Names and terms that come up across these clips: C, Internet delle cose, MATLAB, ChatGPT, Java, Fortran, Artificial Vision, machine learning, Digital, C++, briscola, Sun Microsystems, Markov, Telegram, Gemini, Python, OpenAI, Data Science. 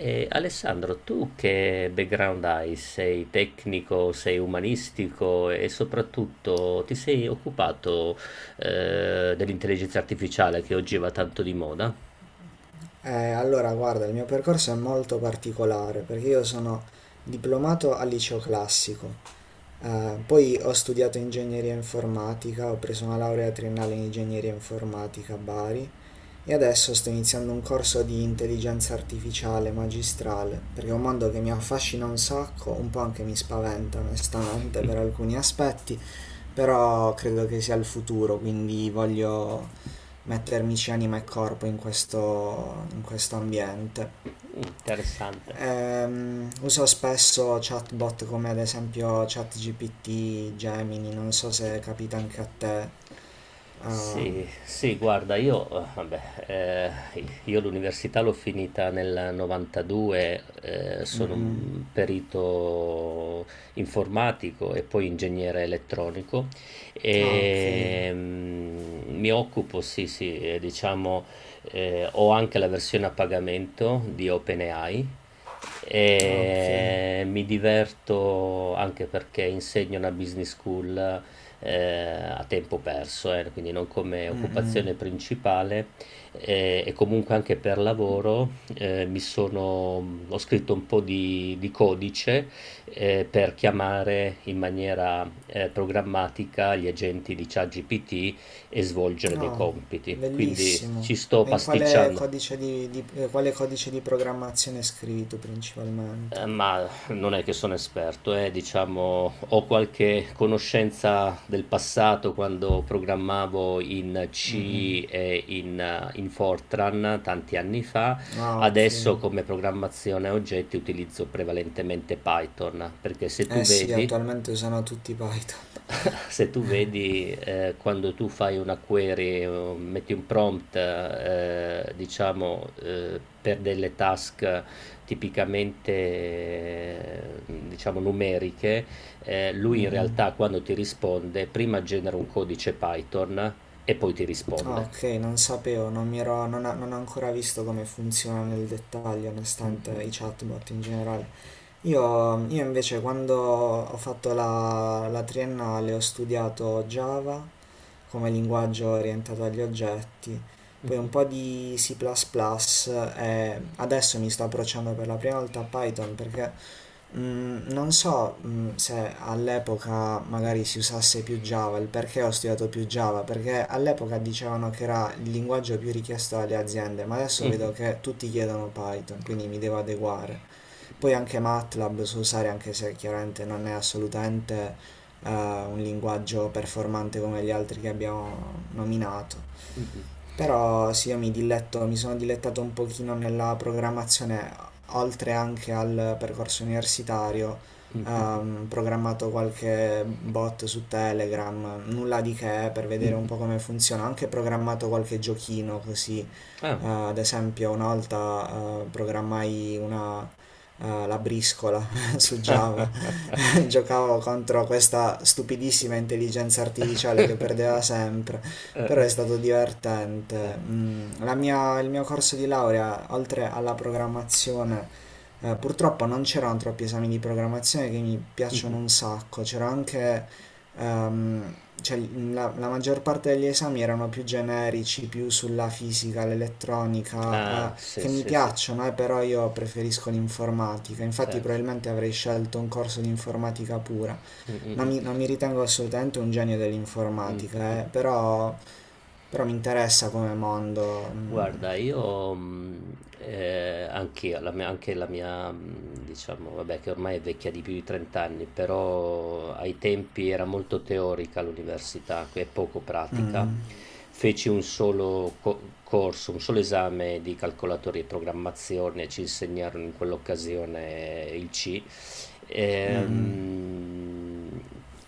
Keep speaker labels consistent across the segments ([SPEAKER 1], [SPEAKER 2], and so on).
[SPEAKER 1] E Alessandro, tu che background hai? Sei tecnico, sei umanistico e soprattutto ti sei occupato dell'intelligenza artificiale che oggi va tanto di moda?
[SPEAKER 2] Allora, guarda, il mio percorso è molto particolare perché io sono diplomato al liceo classico, poi ho studiato ingegneria informatica, ho preso una laurea triennale in ingegneria informatica a Bari e adesso sto iniziando un corso di intelligenza artificiale magistrale perché è un mondo che mi affascina un sacco, un po' anche mi spaventa onestamente per alcuni aspetti, però credo che sia il futuro, quindi voglio mettermici anima e corpo in questo ambiente.
[SPEAKER 1] Mm, interessante.
[SPEAKER 2] Uso spesso chatbot come ad esempio ChatGPT, Gemini, non so se capita anche a te. Ah,
[SPEAKER 1] Sì, sì, guarda, io l'università l'ho finita nel 92,
[SPEAKER 2] mm,
[SPEAKER 1] sono
[SPEAKER 2] mm.
[SPEAKER 1] un perito informatico e poi ingegnere elettronico
[SPEAKER 2] Ah, ok.
[SPEAKER 1] mi occupo, sì, sì, diciamo, ho anche la versione a pagamento di OpenAI.
[SPEAKER 2] Ah, ok.
[SPEAKER 1] E mi diverto anche perché insegno una business school, a tempo perso, quindi non come
[SPEAKER 2] Mm, mm.
[SPEAKER 1] occupazione principale. E comunque anche per lavoro ho scritto un po' di codice per chiamare in maniera programmatica gli agenti di ChatGPT e svolgere dei
[SPEAKER 2] Ah,
[SPEAKER 1] compiti. Quindi ci
[SPEAKER 2] bellissimo.
[SPEAKER 1] sto
[SPEAKER 2] E in quale
[SPEAKER 1] pasticciando.
[SPEAKER 2] quale codice di programmazione scrivi tu principalmente?
[SPEAKER 1] Ma non è che sono esperto, diciamo ho qualche conoscenza del passato quando programmavo in
[SPEAKER 2] Mm, mm.
[SPEAKER 1] C e in Fortran tanti anni fa.
[SPEAKER 2] Ah, ok.
[SPEAKER 1] Adesso come programmazione a oggetti utilizzo prevalentemente Python, perché se tu
[SPEAKER 2] Eh sì,
[SPEAKER 1] vedi
[SPEAKER 2] attualmente usano tutti Python.
[SPEAKER 1] se tu vedi, quando tu fai una query o metti un prompt, diciamo, per delle task tipicamente, diciamo numeriche, lui
[SPEAKER 2] Mm,
[SPEAKER 1] in
[SPEAKER 2] mm.
[SPEAKER 1] realtà quando ti risponde prima genera un codice Python e poi ti
[SPEAKER 2] Ah,
[SPEAKER 1] risponde.
[SPEAKER 2] ok, non sapevo, non mi ero, non, ho non ho ancora visto come funziona nel dettaglio,
[SPEAKER 1] Mh-mh.
[SPEAKER 2] nonostante i chatbot in generale. Io invece quando ho fatto la triennale ho studiato Java come linguaggio orientato agli oggetti, poi un po' di C++ e adesso mi sto approcciando per la prima volta a Python perché non so, se all'epoca magari si usasse più Java, il perché ho studiato più Java, perché all'epoca dicevano che era il linguaggio più richiesto dalle aziende, ma adesso
[SPEAKER 1] Mh-mh,
[SPEAKER 2] vedo che tutti chiedono Python, quindi mi devo adeguare. Poi anche MATLAB so usare, anche se chiaramente non è assolutamente un linguaggio performante come gli altri che abbiamo nominato.
[SPEAKER 1] mh-mh,
[SPEAKER 2] Però sì, io mi diletto, mi sono dilettato un pochino nella programmazione, oltre anche al percorso universitario. Programmato qualche bot su Telegram, nulla di che per vedere un
[SPEAKER 1] mh-mh.
[SPEAKER 2] po' come funziona. Ho anche programmato qualche giochino così.
[SPEAKER 1] Ah.
[SPEAKER 2] Ad esempio, una volta programmai una, la briscola su
[SPEAKER 1] Eh,
[SPEAKER 2] Java. giocavo contro questa stupidissima intelligenza artificiale che perdeva sempre, però è
[SPEAKER 1] eh.
[SPEAKER 2] stato divertente. Il mio corso di laurea, oltre alla programmazione, purtroppo non c'erano troppi esami di programmazione che mi piacciono
[SPEAKER 1] Mh-mh.
[SPEAKER 2] un sacco, c'era anche... ehm, cioè, la maggior parte degli esami erano più generici, più sulla fisica, l'elettronica,
[SPEAKER 1] Ah, sì,
[SPEAKER 2] che mi
[SPEAKER 1] sì, sì,
[SPEAKER 2] piacciono, però io preferisco l'informatica, infatti
[SPEAKER 1] certo.
[SPEAKER 2] probabilmente avrei scelto un corso di informatica pura.
[SPEAKER 1] Mh, mh,
[SPEAKER 2] Non
[SPEAKER 1] mh.
[SPEAKER 2] mi, non mi ritengo assolutamente un genio
[SPEAKER 1] Mh, mh, mh.
[SPEAKER 2] dell'informatica, però mi interessa come mondo. Mm,
[SPEAKER 1] Guarda, io anch'io, anche la mia, diciamo, vabbè, che ormai è vecchia di più di 30 anni, però ai tempi era molto teorica l'università e poco pratica.
[SPEAKER 2] mm,
[SPEAKER 1] Feci un solo corso, un solo esame di calcolatori e programmazione, e ci insegnarono in quell'occasione il C.
[SPEAKER 2] mm,
[SPEAKER 1] Ehm,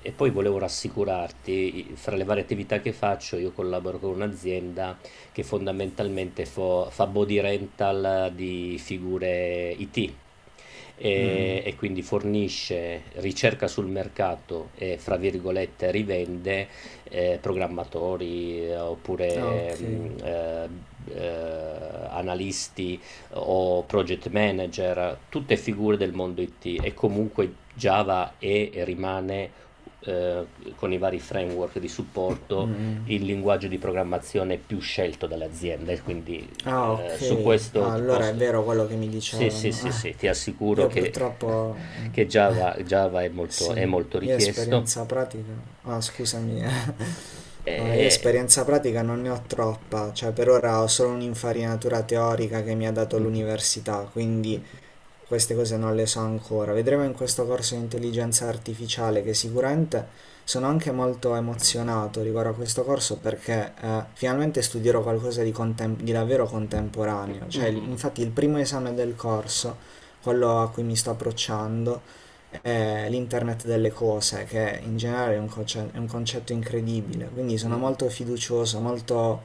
[SPEAKER 1] E poi volevo rassicurarti, fra le varie attività che faccio, io collaboro con un'azienda che fondamentalmente fa body rental di figure IT
[SPEAKER 2] mm, mm. Mm.
[SPEAKER 1] e quindi fornisce ricerca sul mercato e fra virgolette rivende programmatori
[SPEAKER 2] Ah, ok.
[SPEAKER 1] oppure eh, analisti o project manager, tutte figure del mondo IT. E comunque Java è e rimane, eh, con i vari framework di supporto,
[SPEAKER 2] Mm,
[SPEAKER 1] il
[SPEAKER 2] mm.
[SPEAKER 1] linguaggio di programmazione più scelto dalle aziende, quindi
[SPEAKER 2] Ah, ok.
[SPEAKER 1] su questo
[SPEAKER 2] Ah,
[SPEAKER 1] ti
[SPEAKER 2] allora è
[SPEAKER 1] posso...
[SPEAKER 2] vero quello che mi
[SPEAKER 1] Sì, sì,
[SPEAKER 2] dicevano.
[SPEAKER 1] sì, sì, ti assicuro
[SPEAKER 2] Io
[SPEAKER 1] che,
[SPEAKER 2] purtroppo. Mm,
[SPEAKER 1] che Java
[SPEAKER 2] Sì,
[SPEAKER 1] è molto
[SPEAKER 2] io
[SPEAKER 1] richiesto.
[SPEAKER 2] esperienza pratica. Ah, scusami. Ah, io
[SPEAKER 1] E...
[SPEAKER 2] esperienza pratica non ne ho troppa, cioè per ora ho solo un'infarinatura teorica che mi ha dato
[SPEAKER 1] Mhm.
[SPEAKER 2] l'università, quindi queste cose non le so ancora. Vedremo in questo corso di intelligenza artificiale che sicuramente sono anche molto emozionato riguardo a questo corso perché finalmente studierò qualcosa di davvero contemporaneo.
[SPEAKER 1] Mm,
[SPEAKER 2] Cioè,
[SPEAKER 1] mm,
[SPEAKER 2] infatti il primo esame del corso, quello a cui mi sto approcciando, è l'internet delle cose, che in generale è un concetto incredibile. Quindi
[SPEAKER 1] mm.
[SPEAKER 2] sono
[SPEAKER 1] Mm.
[SPEAKER 2] molto fiducioso, molto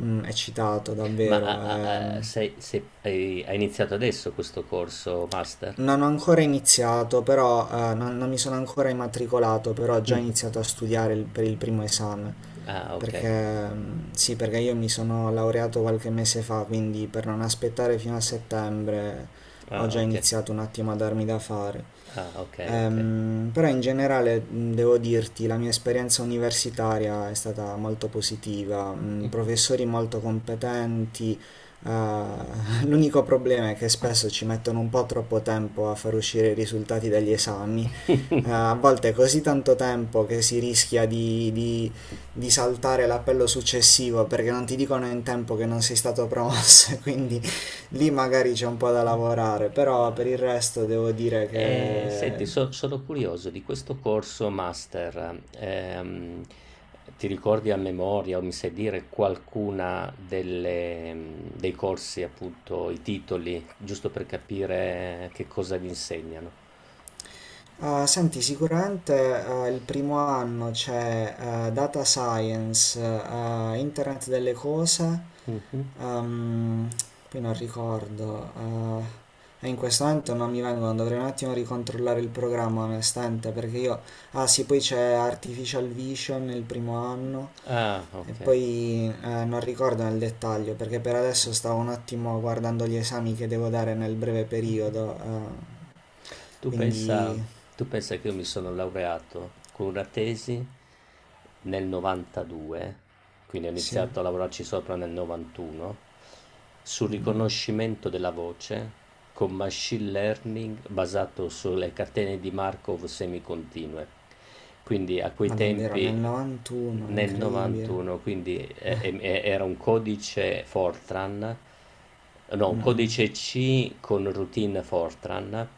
[SPEAKER 2] eccitato
[SPEAKER 1] Ma
[SPEAKER 2] davvero.
[SPEAKER 1] hai, iniziato adesso questo corso master?
[SPEAKER 2] Non ho ancora iniziato, però non, non mi sono ancora immatricolato, però ho già
[SPEAKER 1] Mm.
[SPEAKER 2] iniziato a studiare per il primo esame,
[SPEAKER 1] Ah, ok.
[SPEAKER 2] perché sì, perché io mi sono laureato qualche mese fa, quindi per non aspettare fino a settembre ho
[SPEAKER 1] Ah,
[SPEAKER 2] già
[SPEAKER 1] ok.
[SPEAKER 2] iniziato un attimo a darmi da fare.
[SPEAKER 1] Ah, ok, ok.
[SPEAKER 2] Però in generale devo dirti, la mia esperienza universitaria è stata molto positiva, professori molto competenti, eh, l'unico problema è che spesso ci mettono un po' troppo tempo a far uscire i risultati degli esami, a volte è così tanto tempo che si rischia di saltare l'appello successivo perché non ti dicono in tempo che non sei stato promosso, quindi lì magari c'è un po' da lavorare, però per
[SPEAKER 1] Eh,
[SPEAKER 2] il resto devo dire
[SPEAKER 1] senti,
[SPEAKER 2] che.
[SPEAKER 1] sono curioso di questo corso master. Ti ricordi a memoria o mi sai dire qualcuna dei corsi, appunto, i titoli, giusto per capire che cosa vi insegnano?
[SPEAKER 2] Ah, senti, sicuramente il primo anno c'è Data Science, Internet delle cose,
[SPEAKER 1] Mhm.
[SPEAKER 2] ehm, poi non ricordo, e in questo momento non mi vengono, dovrei un attimo ricontrollare il programma onestamente perché io. Ah sì, poi c'è Artificial Vision il primo anno
[SPEAKER 1] Ah,
[SPEAKER 2] e
[SPEAKER 1] ok.
[SPEAKER 2] poi non ricordo nel dettaglio perché per adesso stavo un attimo guardando gli esami che devo dare nel breve
[SPEAKER 1] Mm-hmm.
[SPEAKER 2] periodo, eh,
[SPEAKER 1] Tu pensa,
[SPEAKER 2] quindi.
[SPEAKER 1] tu pensa che io mi sono laureato con una tesi nel 92, quindi ho
[SPEAKER 2] Sì,
[SPEAKER 1] iniziato a lavorarci sopra nel 91, sul riconoscimento della voce con machine learning basato sulle catene di Markov semicontinue. Quindi a quei
[SPEAKER 2] ma davvero nel
[SPEAKER 1] tempi
[SPEAKER 2] 91,
[SPEAKER 1] nel
[SPEAKER 2] incredibile.
[SPEAKER 1] 91, quindi era un codice Fortran, no, un
[SPEAKER 2] Mh-mh.
[SPEAKER 1] codice C con routine Fortran.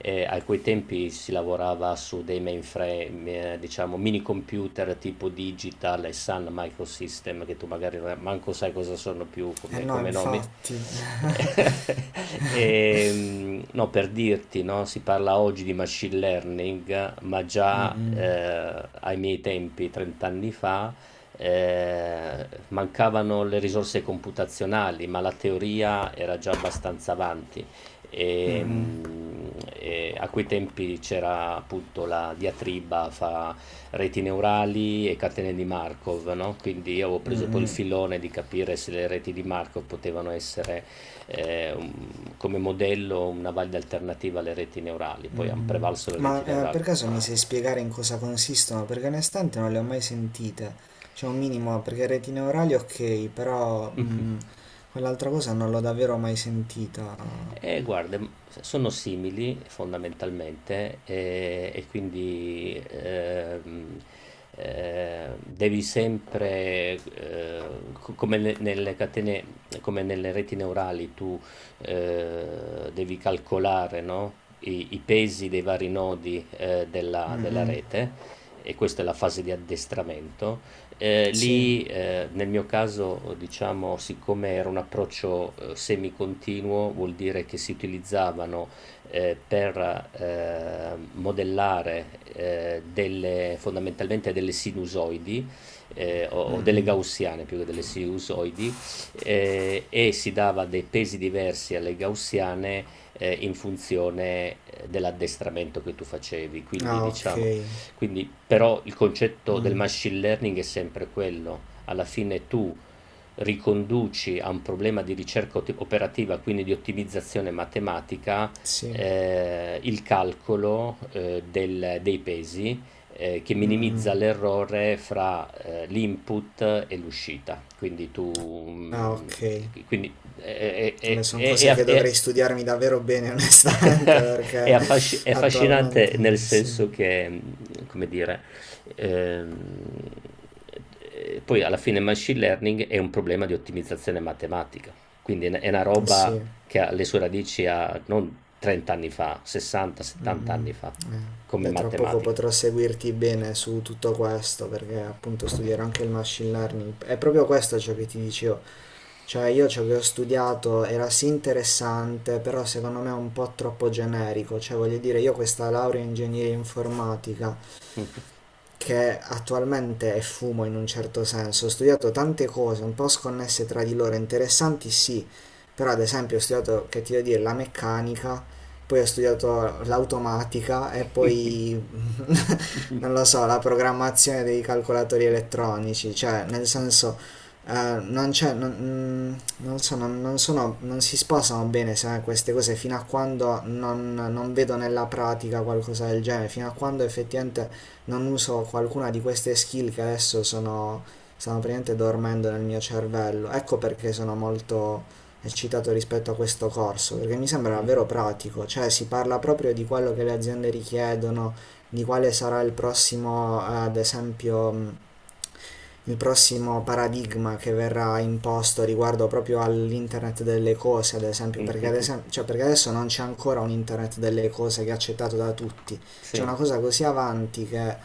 [SPEAKER 1] A quei tempi si lavorava su dei mainframe, diciamo mini computer tipo Digital e Sun Microsystem, che tu magari manco sai cosa sono più
[SPEAKER 2] Eh
[SPEAKER 1] come,
[SPEAKER 2] no,
[SPEAKER 1] come nomi.
[SPEAKER 2] infatti.
[SPEAKER 1] No, per dirti, no, si parla oggi di machine learning, ma già
[SPEAKER 2] Mh-mh.
[SPEAKER 1] ai miei tempi, 30 anni fa, mancavano le risorse computazionali, ma la teoria era già abbastanza avanti e,
[SPEAKER 2] Mh-mh.
[SPEAKER 1] mh, e a quei tempi c'era appunto la diatriba fra reti neurali e catene di Markov, no? Quindi io avevo preso poi il
[SPEAKER 2] Mh-mh.
[SPEAKER 1] filone di capire se le reti di Markov potevano essere come modello una valida alternativa alle reti neurali. Poi hanno
[SPEAKER 2] Mh-mh.
[SPEAKER 1] prevalso le reti
[SPEAKER 2] Ma,
[SPEAKER 1] neurali.
[SPEAKER 2] per caso mi sai spiegare in cosa consistono? Perché onestamente non le ho mai sentite. Cioè un minimo, perché retine orali ok, però quell'altra cosa non l'ho davvero mai sentita.
[SPEAKER 1] Guarda, sono simili fondamentalmente e quindi devi sempre, nelle catene, come nelle reti neurali, tu devi calcolare, no? I pesi dei vari nodi della
[SPEAKER 2] Mh-mh.
[SPEAKER 1] rete e questa è la fase di addestramento.
[SPEAKER 2] Sì.
[SPEAKER 1] Lì, nel mio caso, diciamo, siccome era un approccio semicontinuo, vuol dire che si utilizzavano per modellare fondamentalmente delle sinusoidi o delle
[SPEAKER 2] Mh-mh.
[SPEAKER 1] gaussiane più che delle sinusoidi, e si dava dei pesi diversi alle gaussiane in funzione dell'addestramento che tu facevi. Quindi,
[SPEAKER 2] Ah, ok.
[SPEAKER 1] diciamo, però, il concetto del
[SPEAKER 2] Mh.
[SPEAKER 1] machine learning è sempre quello. Alla fine tu riconduci a un problema di ricerca operativa, quindi di ottimizzazione matematica,
[SPEAKER 2] Sì.
[SPEAKER 1] il calcolo dei pesi che
[SPEAKER 2] Mh-mh.
[SPEAKER 1] minimizza l'errore fra l'input e l'uscita. Quindi tu,
[SPEAKER 2] Ah,
[SPEAKER 1] mm,
[SPEAKER 2] ok.
[SPEAKER 1] quindi
[SPEAKER 2] Beh, sono cose che
[SPEAKER 1] è-
[SPEAKER 2] dovrei studiarmi davvero bene, onestamente, perché
[SPEAKER 1] È
[SPEAKER 2] attualmente
[SPEAKER 1] affascinante nel
[SPEAKER 2] sì,
[SPEAKER 1] senso che, come dire, ehm, poi alla fine machine learning è un problema di ottimizzazione matematica, quindi è una
[SPEAKER 2] sì,
[SPEAKER 1] roba che ha le sue radici a non 30 anni fa, 60,
[SPEAKER 2] mm,
[SPEAKER 1] 70 anni fa, come
[SPEAKER 2] Io tra poco
[SPEAKER 1] matematica.
[SPEAKER 2] potrò seguirti bene su tutto questo, perché appunto studierò anche il machine learning. È proprio questo ciò che ti dicevo, cioè io ciò che ho studiato era sì interessante, però secondo me è un po' troppo generico, cioè voglio dire, io questa laurea in ingegneria informatica
[SPEAKER 1] Mh.
[SPEAKER 2] che attualmente è fumo in un certo senso. Ho studiato tante cose un po' sconnesse tra di loro, interessanti sì, però ad esempio ho studiato, che ti devo dire, la meccanica, poi ho studiato l'automatica e poi non lo so, la programmazione dei calcolatori elettronici, cioè nel senso non c'è, non, non so, non, non sono, non si sposano bene queste cose fino a quando non, non vedo nella pratica qualcosa del genere, fino a quando effettivamente non uso qualcuna di queste skill che adesso sono, stanno praticamente dormendo nel mio cervello. Ecco perché sono molto eccitato rispetto a questo corso, perché mi sembra davvero pratico, cioè si parla proprio di quello che le aziende richiedono, di quale sarà il prossimo, ad esempio, il prossimo paradigma che verrà imposto riguardo proprio all'internet delle cose, ad esempio, perché, cioè, perché adesso non c'è ancora un internet delle cose che è accettato da tutti, c'è una
[SPEAKER 1] Sì.
[SPEAKER 2] cosa così avanti che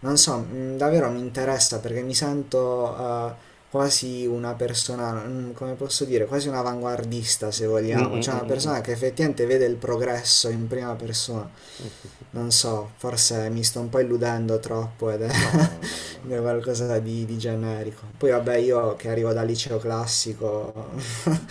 [SPEAKER 2] non so, davvero mi interessa perché mi sento quasi una persona, come posso dire, quasi un avanguardista se
[SPEAKER 1] Mh,
[SPEAKER 2] vogliamo,
[SPEAKER 1] mh,
[SPEAKER 2] cioè
[SPEAKER 1] mh,
[SPEAKER 2] una
[SPEAKER 1] mh, mh.
[SPEAKER 2] persona che effettivamente vede il progresso in prima persona.
[SPEAKER 1] Mh, mh, mh.
[SPEAKER 2] Non so, forse mi sto un po' illudendo troppo ed è
[SPEAKER 1] No, no, no, no.
[SPEAKER 2] qualcosa di generico. Poi vabbè, io che arrivo dal liceo classico,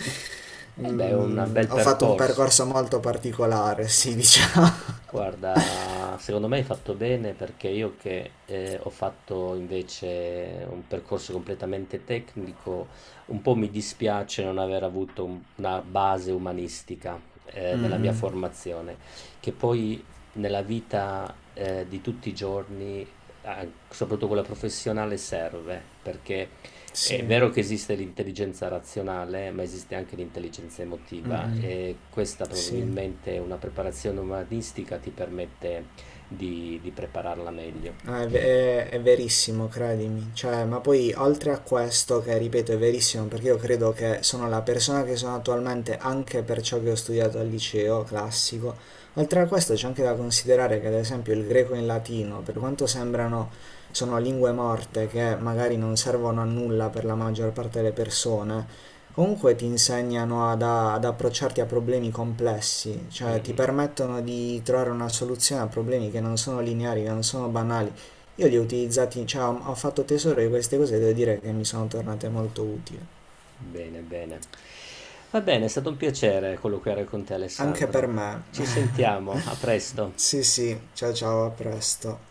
[SPEAKER 1] Eh beh, è un bel
[SPEAKER 2] ho fatto un
[SPEAKER 1] percorso.
[SPEAKER 2] percorso molto particolare, sì, diciamo.
[SPEAKER 1] Guarda, secondo me hai fatto bene perché io che ho fatto invece un percorso completamente tecnico, un po' mi dispiace non aver avuto una base umanistica nella mia
[SPEAKER 2] Mm-mm.
[SPEAKER 1] formazione, che poi nella vita di tutti i giorni, soprattutto quella professionale, serve perché è
[SPEAKER 2] Sì,
[SPEAKER 1] vero che esiste l'intelligenza razionale, ma esiste anche l'intelligenza emotiva
[SPEAKER 2] mm-mm,
[SPEAKER 1] e questa
[SPEAKER 2] sì.
[SPEAKER 1] probabilmente una preparazione umanistica ti permette di prepararla meglio.
[SPEAKER 2] Ah, è verissimo, credimi. Cioè, ma poi oltre a questo, che ripeto è verissimo, perché io credo che sono la persona che sono attualmente anche per ciò che ho studiato al liceo classico, oltre a questo c'è anche da considerare che ad esempio il greco e il latino, per quanto sembrano, sono lingue morte che magari non servono a nulla per la maggior parte delle persone, comunque ti insegnano ad approcciarti a problemi complessi,
[SPEAKER 1] Mm,
[SPEAKER 2] cioè ti
[SPEAKER 1] mm.
[SPEAKER 2] permettono di trovare una soluzione a problemi che non sono lineari, che non sono banali. Io li ho utilizzati, cioè ho fatto tesoro di queste cose e devo dire che mi sono tornate molto utili.
[SPEAKER 1] Bene, bene. Va bene, è stato un piacere colloquiare con te,
[SPEAKER 2] Anche per
[SPEAKER 1] Alessandro. Ci
[SPEAKER 2] me.
[SPEAKER 1] sentiamo, a presto.
[SPEAKER 2] Sì, sì, ciao ciao, a presto.